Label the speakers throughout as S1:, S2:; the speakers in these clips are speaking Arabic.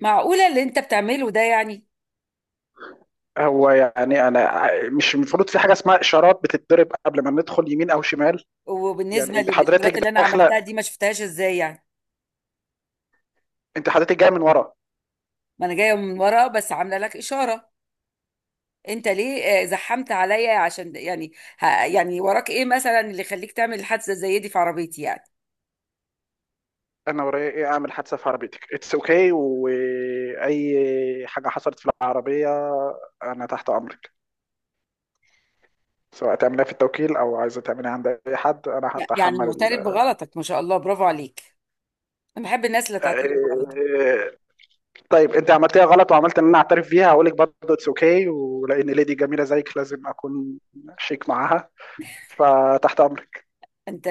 S1: معقولة اللي انت بتعمله ده
S2: هو انا مش المفروض في حاجه اسمها اشارات بتتضرب قبل ما ندخل يمين او شمال؟
S1: وبالنسبة
S2: انت
S1: للإشارات
S2: حضرتك
S1: اللي أنا
S2: داخله،
S1: عملتها دي ما شفتهاش إزاي يعني؟
S2: انت حضرتك جايه من ورا.
S1: ما أنا جاية من ورا بس عاملة لك إشارة. أنت ليه زحمت عليا عشان يعني وراك إيه مثلا اللي يخليك تعمل حادثة زي دي في عربيتي يعني؟
S2: انا ورايا ايه اعمل حادثه في عربيتك؟ اتس اوكي، واي حاجه حصلت في العربيه انا تحت امرك، سواء تعملها في التوكيل او عايزه تعملها عند اي حد انا
S1: يعني
S2: هتحمل
S1: معترف
S2: ال...
S1: بغلطك، ما شاء الله، برافو عليك. أنا بحب الناس اللي تعترف بغلطك.
S2: آه، طيب انت عملتيها غلط وعملت ان انا اعترف بيها، هقول لك برضه اتس اوكي، ولان ليدي جميله زيك لازم اكون شيك معاها. فتحت امرك،
S1: أنت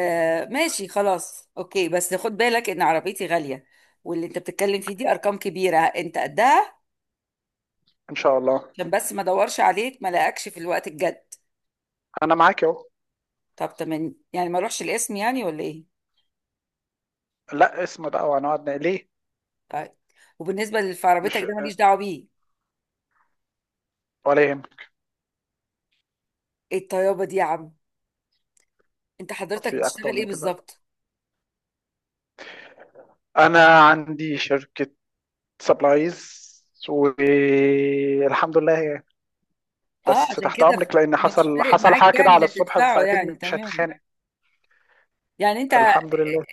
S1: ماشي، خلاص أوكي، بس خد بالك إن عربيتي غالية، واللي أنت بتتكلم فيه دي أرقام كبيرة أنت قدها؟
S2: ان شاء الله،
S1: عشان بس ما أدورش عليك ما لاقكش في الوقت الجد.
S2: انا معاك اهو.
S1: طب تمام، يعني ما اروحش الاسم يعني ولا ايه؟
S2: لا، اسم بقى وهنقعد ليه؟
S1: طيب، وبالنسبه لفرابيتك
S2: مش
S1: ده ماليش دعوه بيه.
S2: ولا يهمك.
S1: ايه الطيابه دي يا عم؟ انت حضرتك
S2: في اكتر
S1: بتشتغل ايه
S2: من كده،
S1: بالظبط؟
S2: انا عندي شركه سبلايز، والحمد لله
S1: اه،
S2: بس
S1: عشان
S2: تحت
S1: كده
S2: امرك، لان
S1: مش فارق
S2: حصل
S1: معاك
S2: حاجه كده
S1: يعني
S2: على
S1: اللي
S2: الصبح،
S1: هتدفعه
S2: فاكيد
S1: يعني؟
S2: مش
S1: تمام.
S2: هتخانق.
S1: يعني انت
S2: الحمد لله.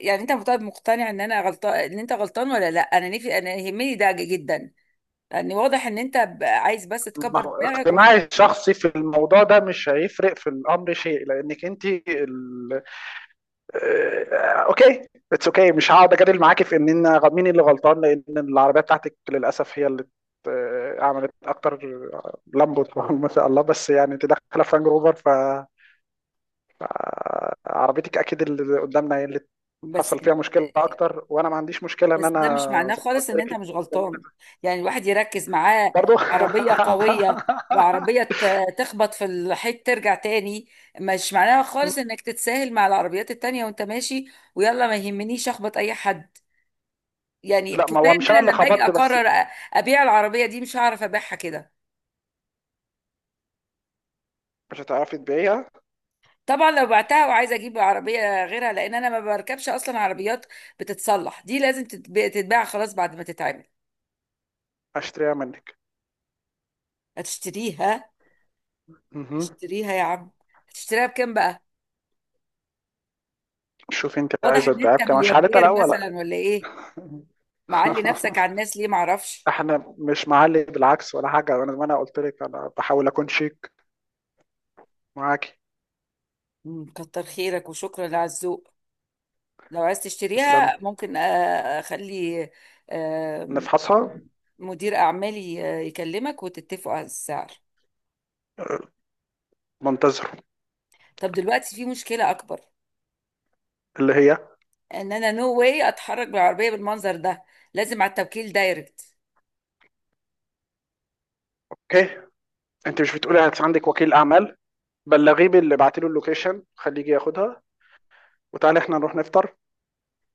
S1: يعني انت طيب، مقتنع ان انا غلطان ان انت غلطان ولا لا؟ انا نفي، انا يهمني ده جدا، لان واضح ان انت عايز بس
S2: ما
S1: تكبر
S2: هو
S1: دماغك
S2: اقتناعي
S1: وخلاص.
S2: الشخصي في الموضوع ده مش هيفرق في الامر شيء، لانك انت... اوكي، اتس اوكي، مش هقعد اجادل معاكي في مين اللي غلطان، لان العربيه بتاعتك للاسف هي اللي عملت اكتر لامبو. ما شاء الله، بس انت داخله فرانج روفر، فعربيتك اكيد اللي قدامنا هي اللي
S1: بس
S2: حصل فيها مشكله اكتر، وانا ما عنديش مشكله ان
S1: بس
S2: انا
S1: ده مش معناه
S2: زي ما قلت
S1: خالص ان انت
S2: لك
S1: مش غلطان. يعني الواحد يركز معاه.
S2: برضه.
S1: عربية قوية وعربية تخبط في الحيط ترجع تاني، مش معناها خالص انك تتساهل مع العربيات التانية وانت ماشي. ويلا ما يهمنيش اخبط اي حد؟ يعني
S2: لا، ما
S1: كفاية
S2: هو
S1: ان
S2: مش انا اللي
S1: انا لما اجي
S2: خبطت بس.
S1: اقرر ابيع العربية دي مش هعرف ابيعها كده.
S2: مش هتعرفي تبيعيها،
S1: طبعا لو بعتها وعايزه اجيب عربيه غيرها، لان انا ما بركبش اصلا عربيات بتتصلح، دي لازم تتباع خلاص بعد ما تتعمل.
S2: هشتريها منك.
S1: هتشتريها؟
S2: مهم.
S1: اشتريها يا عم. هتشتريها بكام بقى؟
S2: شوفي انت
S1: واضح
S2: عايزه
S1: ان
S2: تبيعها
S1: انت
S2: بكام، مش عارفه
S1: ملياردير
S2: الاول لا.
S1: مثلا ولا ايه؟ معلي نفسك على
S2: ولا،
S1: الناس ليه معرفش.
S2: احنا مش معلي بالعكس ولا حاجه، انا ما انا قلت لك انا بحاول اكون شيك معاكي.
S1: كتر خيرك وشكرا على الذوق. لو عايز
S2: اسلامي.
S1: تشتريها ممكن اخلي، آم،
S2: نفحصها.
S1: مدير اعمالي يكلمك وتتفقوا على السعر.
S2: منتظر.
S1: طب دلوقتي في مشكلة اكبر،
S2: اللي هي؟
S1: ان انا نو واي اتحرك بالعربية بالمنظر ده، لازم على التوكيل دايركت.
S2: اوكي، انت مش بتقولي عندك وكيل اعمال؟ بلغيه باللي بعتي له اللوكيشن، خليه يجي ياخدها، وتعالي احنا نروح نفطر،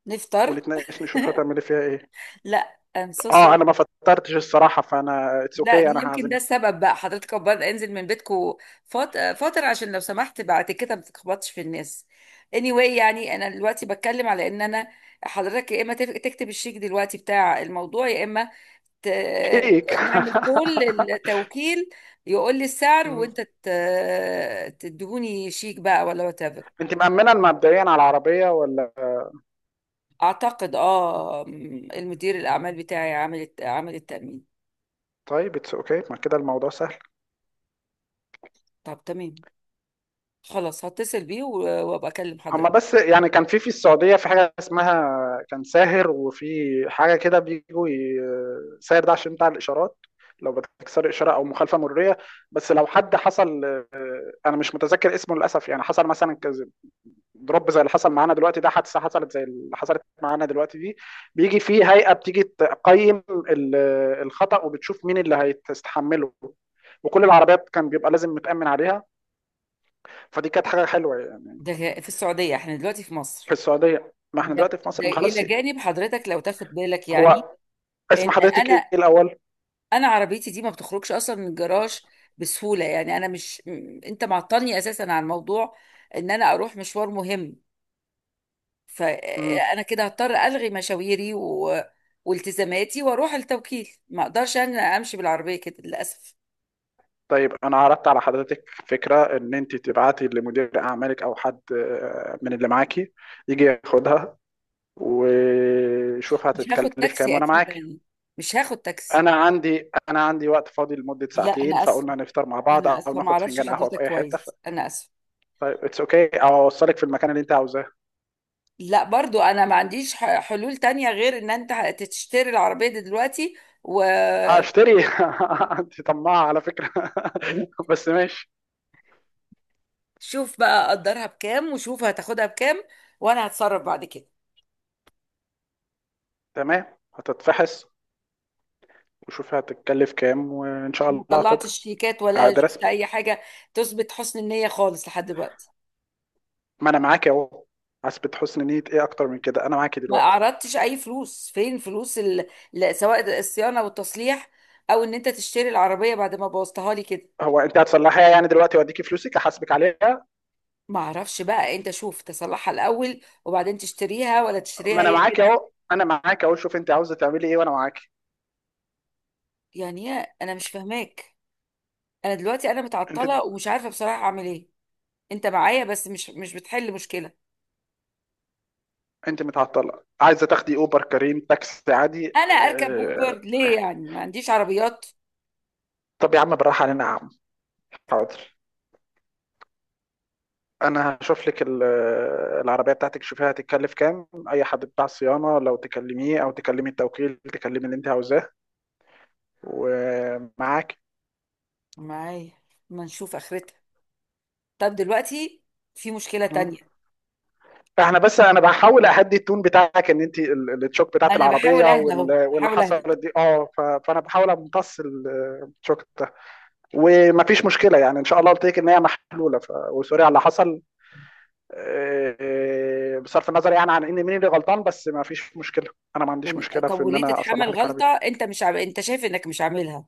S1: نفطر؟
S2: ونتناقش نشوف هتعملي فيها ايه.
S1: لا، I'm so
S2: اه،
S1: sorry.
S2: انا ما فطرتش الصراحه، فانا اتس
S1: لا
S2: اوكي okay.
S1: دي
S2: انا
S1: يمكن ده
S2: هعزمك.
S1: السبب، بقى حضرتك بره، انزل من بيتكو فترة عشان لو سمحت بعد كده ما تخبطش في الناس. anyway يعني انا دلوقتي بتكلم على ان انا حضرتك يا اما تكتب الشيك دلوقتي بتاع الموضوع، يا اما ت...
S2: هيك.
S1: نعمل كل التوكيل يقول لي السعر وانت ت... تدهوني شيك بقى ولا وات ايفر.
S2: انت مأمنة مبدئيا على العربيه ولا؟
S1: اعتقد اه، المدير الاعمال بتاعي عامل عامل التأمين.
S2: طيب اتس اوكي okay. ما كده الموضوع سهل.
S1: طب تمام، خلاص هتصل بيه و... وابقى اكلم
S2: هما
S1: حضرتك.
S2: بس كان في السعودية في حاجة اسمها كان ساهر، وفي حاجة كده بيجوا ساهر ده عشان بتاع الإشارات، لو بتكسر إشارة أو مخالفة مرورية، بس لو حد حصل، أنا مش متذكر اسمه للأسف، حصل مثلا كذا ضرب زي اللي حصل معانا دلوقتي ده، حادثة حصلت زي اللي حصلت معانا دلوقتي دي، بيجي في هيئة بتيجي تقيم الخطأ، وبتشوف مين اللي هيتحمله، وكل العربيات كان بيبقى لازم متأمن عليها. فدي كانت حاجة حلوة
S1: ده في السعودية احنا دلوقتي في
S2: في
S1: مصر.
S2: السعودية، ما احنا
S1: ده،
S2: دلوقتي في مصر،
S1: ده
S2: ما خلاص.
S1: إلى جانب حضرتك لو تاخد بالك يعني
S2: هو اسم
S1: إن
S2: حضرتك ايه
S1: أنا،
S2: الاول؟
S1: أنا عربيتي دي ما بتخرجش أصلا من الجراج بسهولة، يعني أنا مش أنت معطلني أساسا عن موضوع إن أنا أروح مشوار مهم،
S2: مم.
S1: فأنا كده هضطر ألغي مشاويري و... والتزاماتي وأروح التوكيل، ما أقدرش أنا أمشي بالعربية كده للأسف.
S2: طيب انا عرضت على حضرتك فكره ان انت تبعتي لمدير اعمالك او حد من اللي معاكي يجي ياخدها ويشوف
S1: مش هاخد
S2: هتتكلف كام،
S1: تاكسي
S2: وانا
S1: أكيد
S2: معاكي.
S1: يعني، مش هاخد تاكسي.
S2: انا عندي وقت فاضي لمده
S1: لا
S2: ساعتين،
S1: أنا آسفة،
S2: فقلنا نفطر مع بعض
S1: أنا
S2: او
S1: آسفة، ما
S2: ناخد
S1: أعرفش
S2: فنجان قهوه في
S1: حضرتك
S2: اي حته ف...
S1: كويس، أنا آسفة.
S2: طيب اتس اوكي okay. او اوصلك في المكان اللي انت عاوزاه.
S1: لا برضو انا ما عنديش حلول تانية غير ان انت تشتري العربية دي دلوقتي وشوف.
S2: هشتري. انت طماعه على فكره. بس ماشي،
S1: بقى قدرها بكام وشوف هتاخدها بكام، وانا هتصرف بعد كده.
S2: تمام. هتتفحص، وشوفي هتتكلف كام، وان شاء
S1: ما
S2: الله هاخدها
S1: طلعتش شيكات ولا
S2: عاد
S1: شفت
S2: رسمي.
S1: اي حاجة تثبت حسن النية خالص لحد دلوقتي.
S2: ما انا معاك اهو. حسبة حسن نية ايه اكتر من كده؟ انا معاكي
S1: ما
S2: دلوقتي.
S1: اعرضتش اي فلوس، فين فلوس ال...؟ لا، سواء الصيانة والتصليح او ان انت تشتري العربية بعد ما بوظتها لي كده.
S2: هو انت هتصلحيها دلوقتي واديكي فلوسك احاسبك عليها؟
S1: ما اعرفش بقى، انت شوف، تصلحها الاول وبعدين تشتريها ولا
S2: ما
S1: تشتريها
S2: انا
S1: هي
S2: معاكي
S1: كده.
S2: اهو، انا معاكي اهو، شوف انت عاوزه تعملي ايه وانا معاكي.
S1: يعني إيه؟ انا مش فاهماك، انا دلوقتي انا
S2: انت
S1: متعطله ومش عارفه بصراحه اعمل ايه. انت معايا بس مش بتحل مشكله.
S2: انت متعطله، عايزه تاخدي اوبر كريم تاكسي عادي
S1: انا اركب اوبر
S2: اه...
S1: ليه يعني؟ ما عنديش عربيات؟
S2: طب يا عم بالراحه علينا يا عم. حاضر، انا هشوف لك العربيه بتاعتك، شوفيها هتتكلف كام، اي حد بتاع صيانه لو تكلميه او تكلمي التوكيل، تكلمي اللي انت عاوزاه ومعاك.
S1: معايا، ما نشوف اخرتها. طب دلوقتي في مشكله تانية.
S2: فاحنا بس انا بحاول اهدي التون بتاعك ان انت التشوك بتاعت
S1: انا بحاول
S2: العربيه
S1: اهدى اهو،
S2: واللي
S1: بحاول اهدى.
S2: حصلت دي اه فانا بحاول امتص التشوك ده، ومفيش مشكله ان شاء الله قلت لك ان هي محلوله ف... وسوري على اللي حصل. بصرف النظر عن ان مين اللي غلطان، بس مفيش مشكله، انا ما عنديش
S1: يعني
S2: مشكله
S1: طب
S2: في ان
S1: وليه
S2: انا
S1: تتحمل
S2: اصلح لك
S1: غلطه،
S2: عربيتك.
S1: انت مش عم... انت شايف انك مش عاملها؟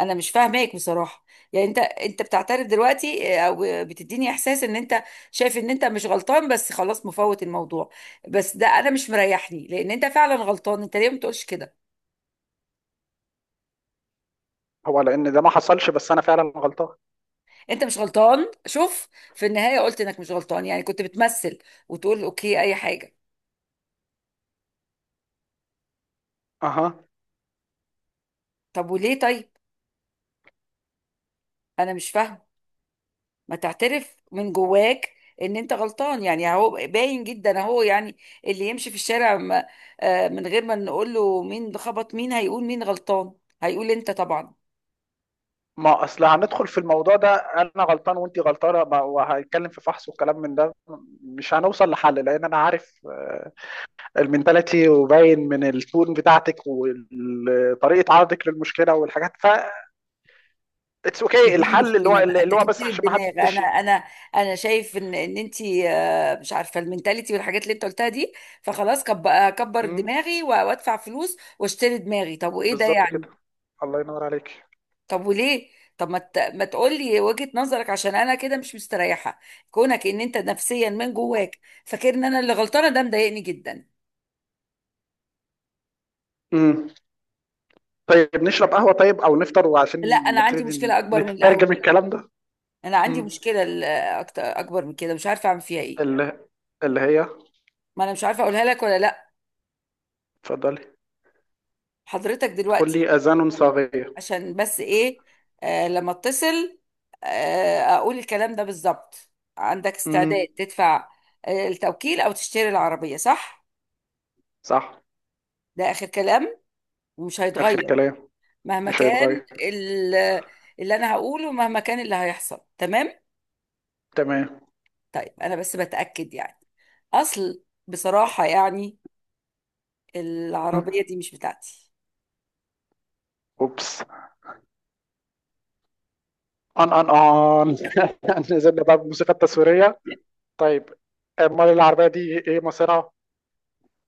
S1: انا مش فاهماك بصراحه. يعني انت بتعترف دلوقتي او بتديني احساس ان انت شايف ان انت مش غلطان بس خلاص مفوت الموضوع؟ بس ده انا مش مريحني، لان انت فعلا غلطان، انت ليه ما بتقولش كده؟
S2: هو لان ده ما حصلش، بس انا فعلا غلطان.
S1: انت مش غلطان شوف، في النهايه قلت انك مش غلطان، يعني كنت بتمثل وتقول اوكي اي حاجه؟
S2: اها.
S1: طب وليه طيب؟ انا مش فاهمه، ما تعترف من جواك ان انت غلطان، يعني اهو باين جدا اهو، يعني اللي يمشي في الشارع من غير ما نقول له مين ده خبط مين هيقول مين غلطان؟ هيقول انت طبعا.
S2: ما اصل هندخل في الموضوع ده انا غلطان وانت غلطانه وهنتكلم في فحص والكلام من ده، مش هنوصل لحل، لان انا عارف المنتاليتي، وباين من التون بتاعتك وطريقه عرضك للمشكله والحاجات ف اتس اوكي،
S1: دي
S2: الحل
S1: مشكله بقى
S2: اللي هو بس
S1: تكبير
S2: عشان ما
S1: الدماغ،
S2: حدش
S1: انا انا انا شايف ان انت مش عارفه المنتاليتي والحاجات اللي انت قلتها دي، فخلاص اكبر
S2: مم،
S1: دماغي و... وادفع فلوس واشتري دماغي. طب وايه ده
S2: بالظبط
S1: يعني؟
S2: كده. الله ينور عليك.
S1: طب وليه؟ طب ما تقولي وجهة نظرك عشان انا كده مش مستريحة، كونك ان انت نفسيا من جواك فاكر ان انا اللي غلطانة، ده مضايقني جدا.
S2: مم. طيب نشرب قهوه، طيب او نفطر وعشان
S1: لا انا عندي
S2: نبتدي
S1: مشكلة اكبر من القهوة.
S2: نترجم الكلام ده.
S1: انا عندي
S2: مم.
S1: مشكلة اكبر من كده مش عارفة اعمل فيها ايه.
S2: اللي اللي هي؟
S1: ما انا مش عارفة اقولها لك ولا لا.
S2: اتفضلي،
S1: حضرتك دلوقتي،
S2: كلي اذان صاغيه.
S1: عشان بس ايه، آه لما اتصل، آه اقول الكلام ده بالظبط، عندك
S2: مم.
S1: استعداد تدفع آه التوكيل او تشتري العربية، صح؟
S2: صح.
S1: ده اخر كلام ومش
S2: آخر
S1: هيتغير
S2: كلام
S1: مهما
S2: مش
S1: كان
S2: هيتغير.
S1: ال... اللي انا هقوله مهما كان اللي هيحصل، تمام؟
S2: تمام.
S1: طيب انا بس بتأكد يعني، اصل بصراحة يعني
S2: م.
S1: العربية دي مش بتاعتي.
S2: أوبس. أن أن أن نزلنا بقى بالموسيقى التصويرية. طيب، أمال العربية دي إيه مصيرها؟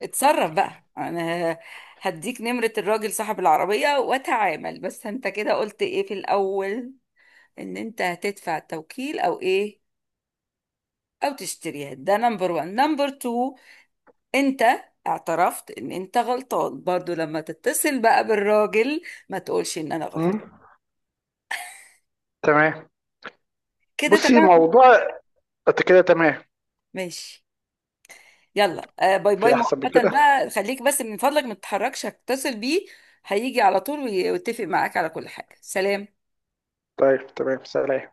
S1: اتصرف بقى، انا هديك نمرة الراجل صاحب العربية واتعامل. بس انت كده قلت ايه في الاول، ان انت هتدفع التوكيل او ايه او تشتريها؟ ده نمبر وان، نمبر تو انت اعترفت ان انت غلطان برضو، لما تتصل بقى بالراجل ما تقولش ان انا غلطان.
S2: م؟ تمام.
S1: كده
S2: بصي
S1: تمام؟
S2: موضوع. أنت كده تمام؟
S1: ماشي، يلا آه، باي
S2: في
S1: باي
S2: أحسن من
S1: مؤقتا
S2: كده؟
S1: بقى، خليك بس من فضلك ما تتحركش، هتصل بيه هيجي على طول ويتفق معاك على كل حاجة. سلام.
S2: طيب تمام، سلام.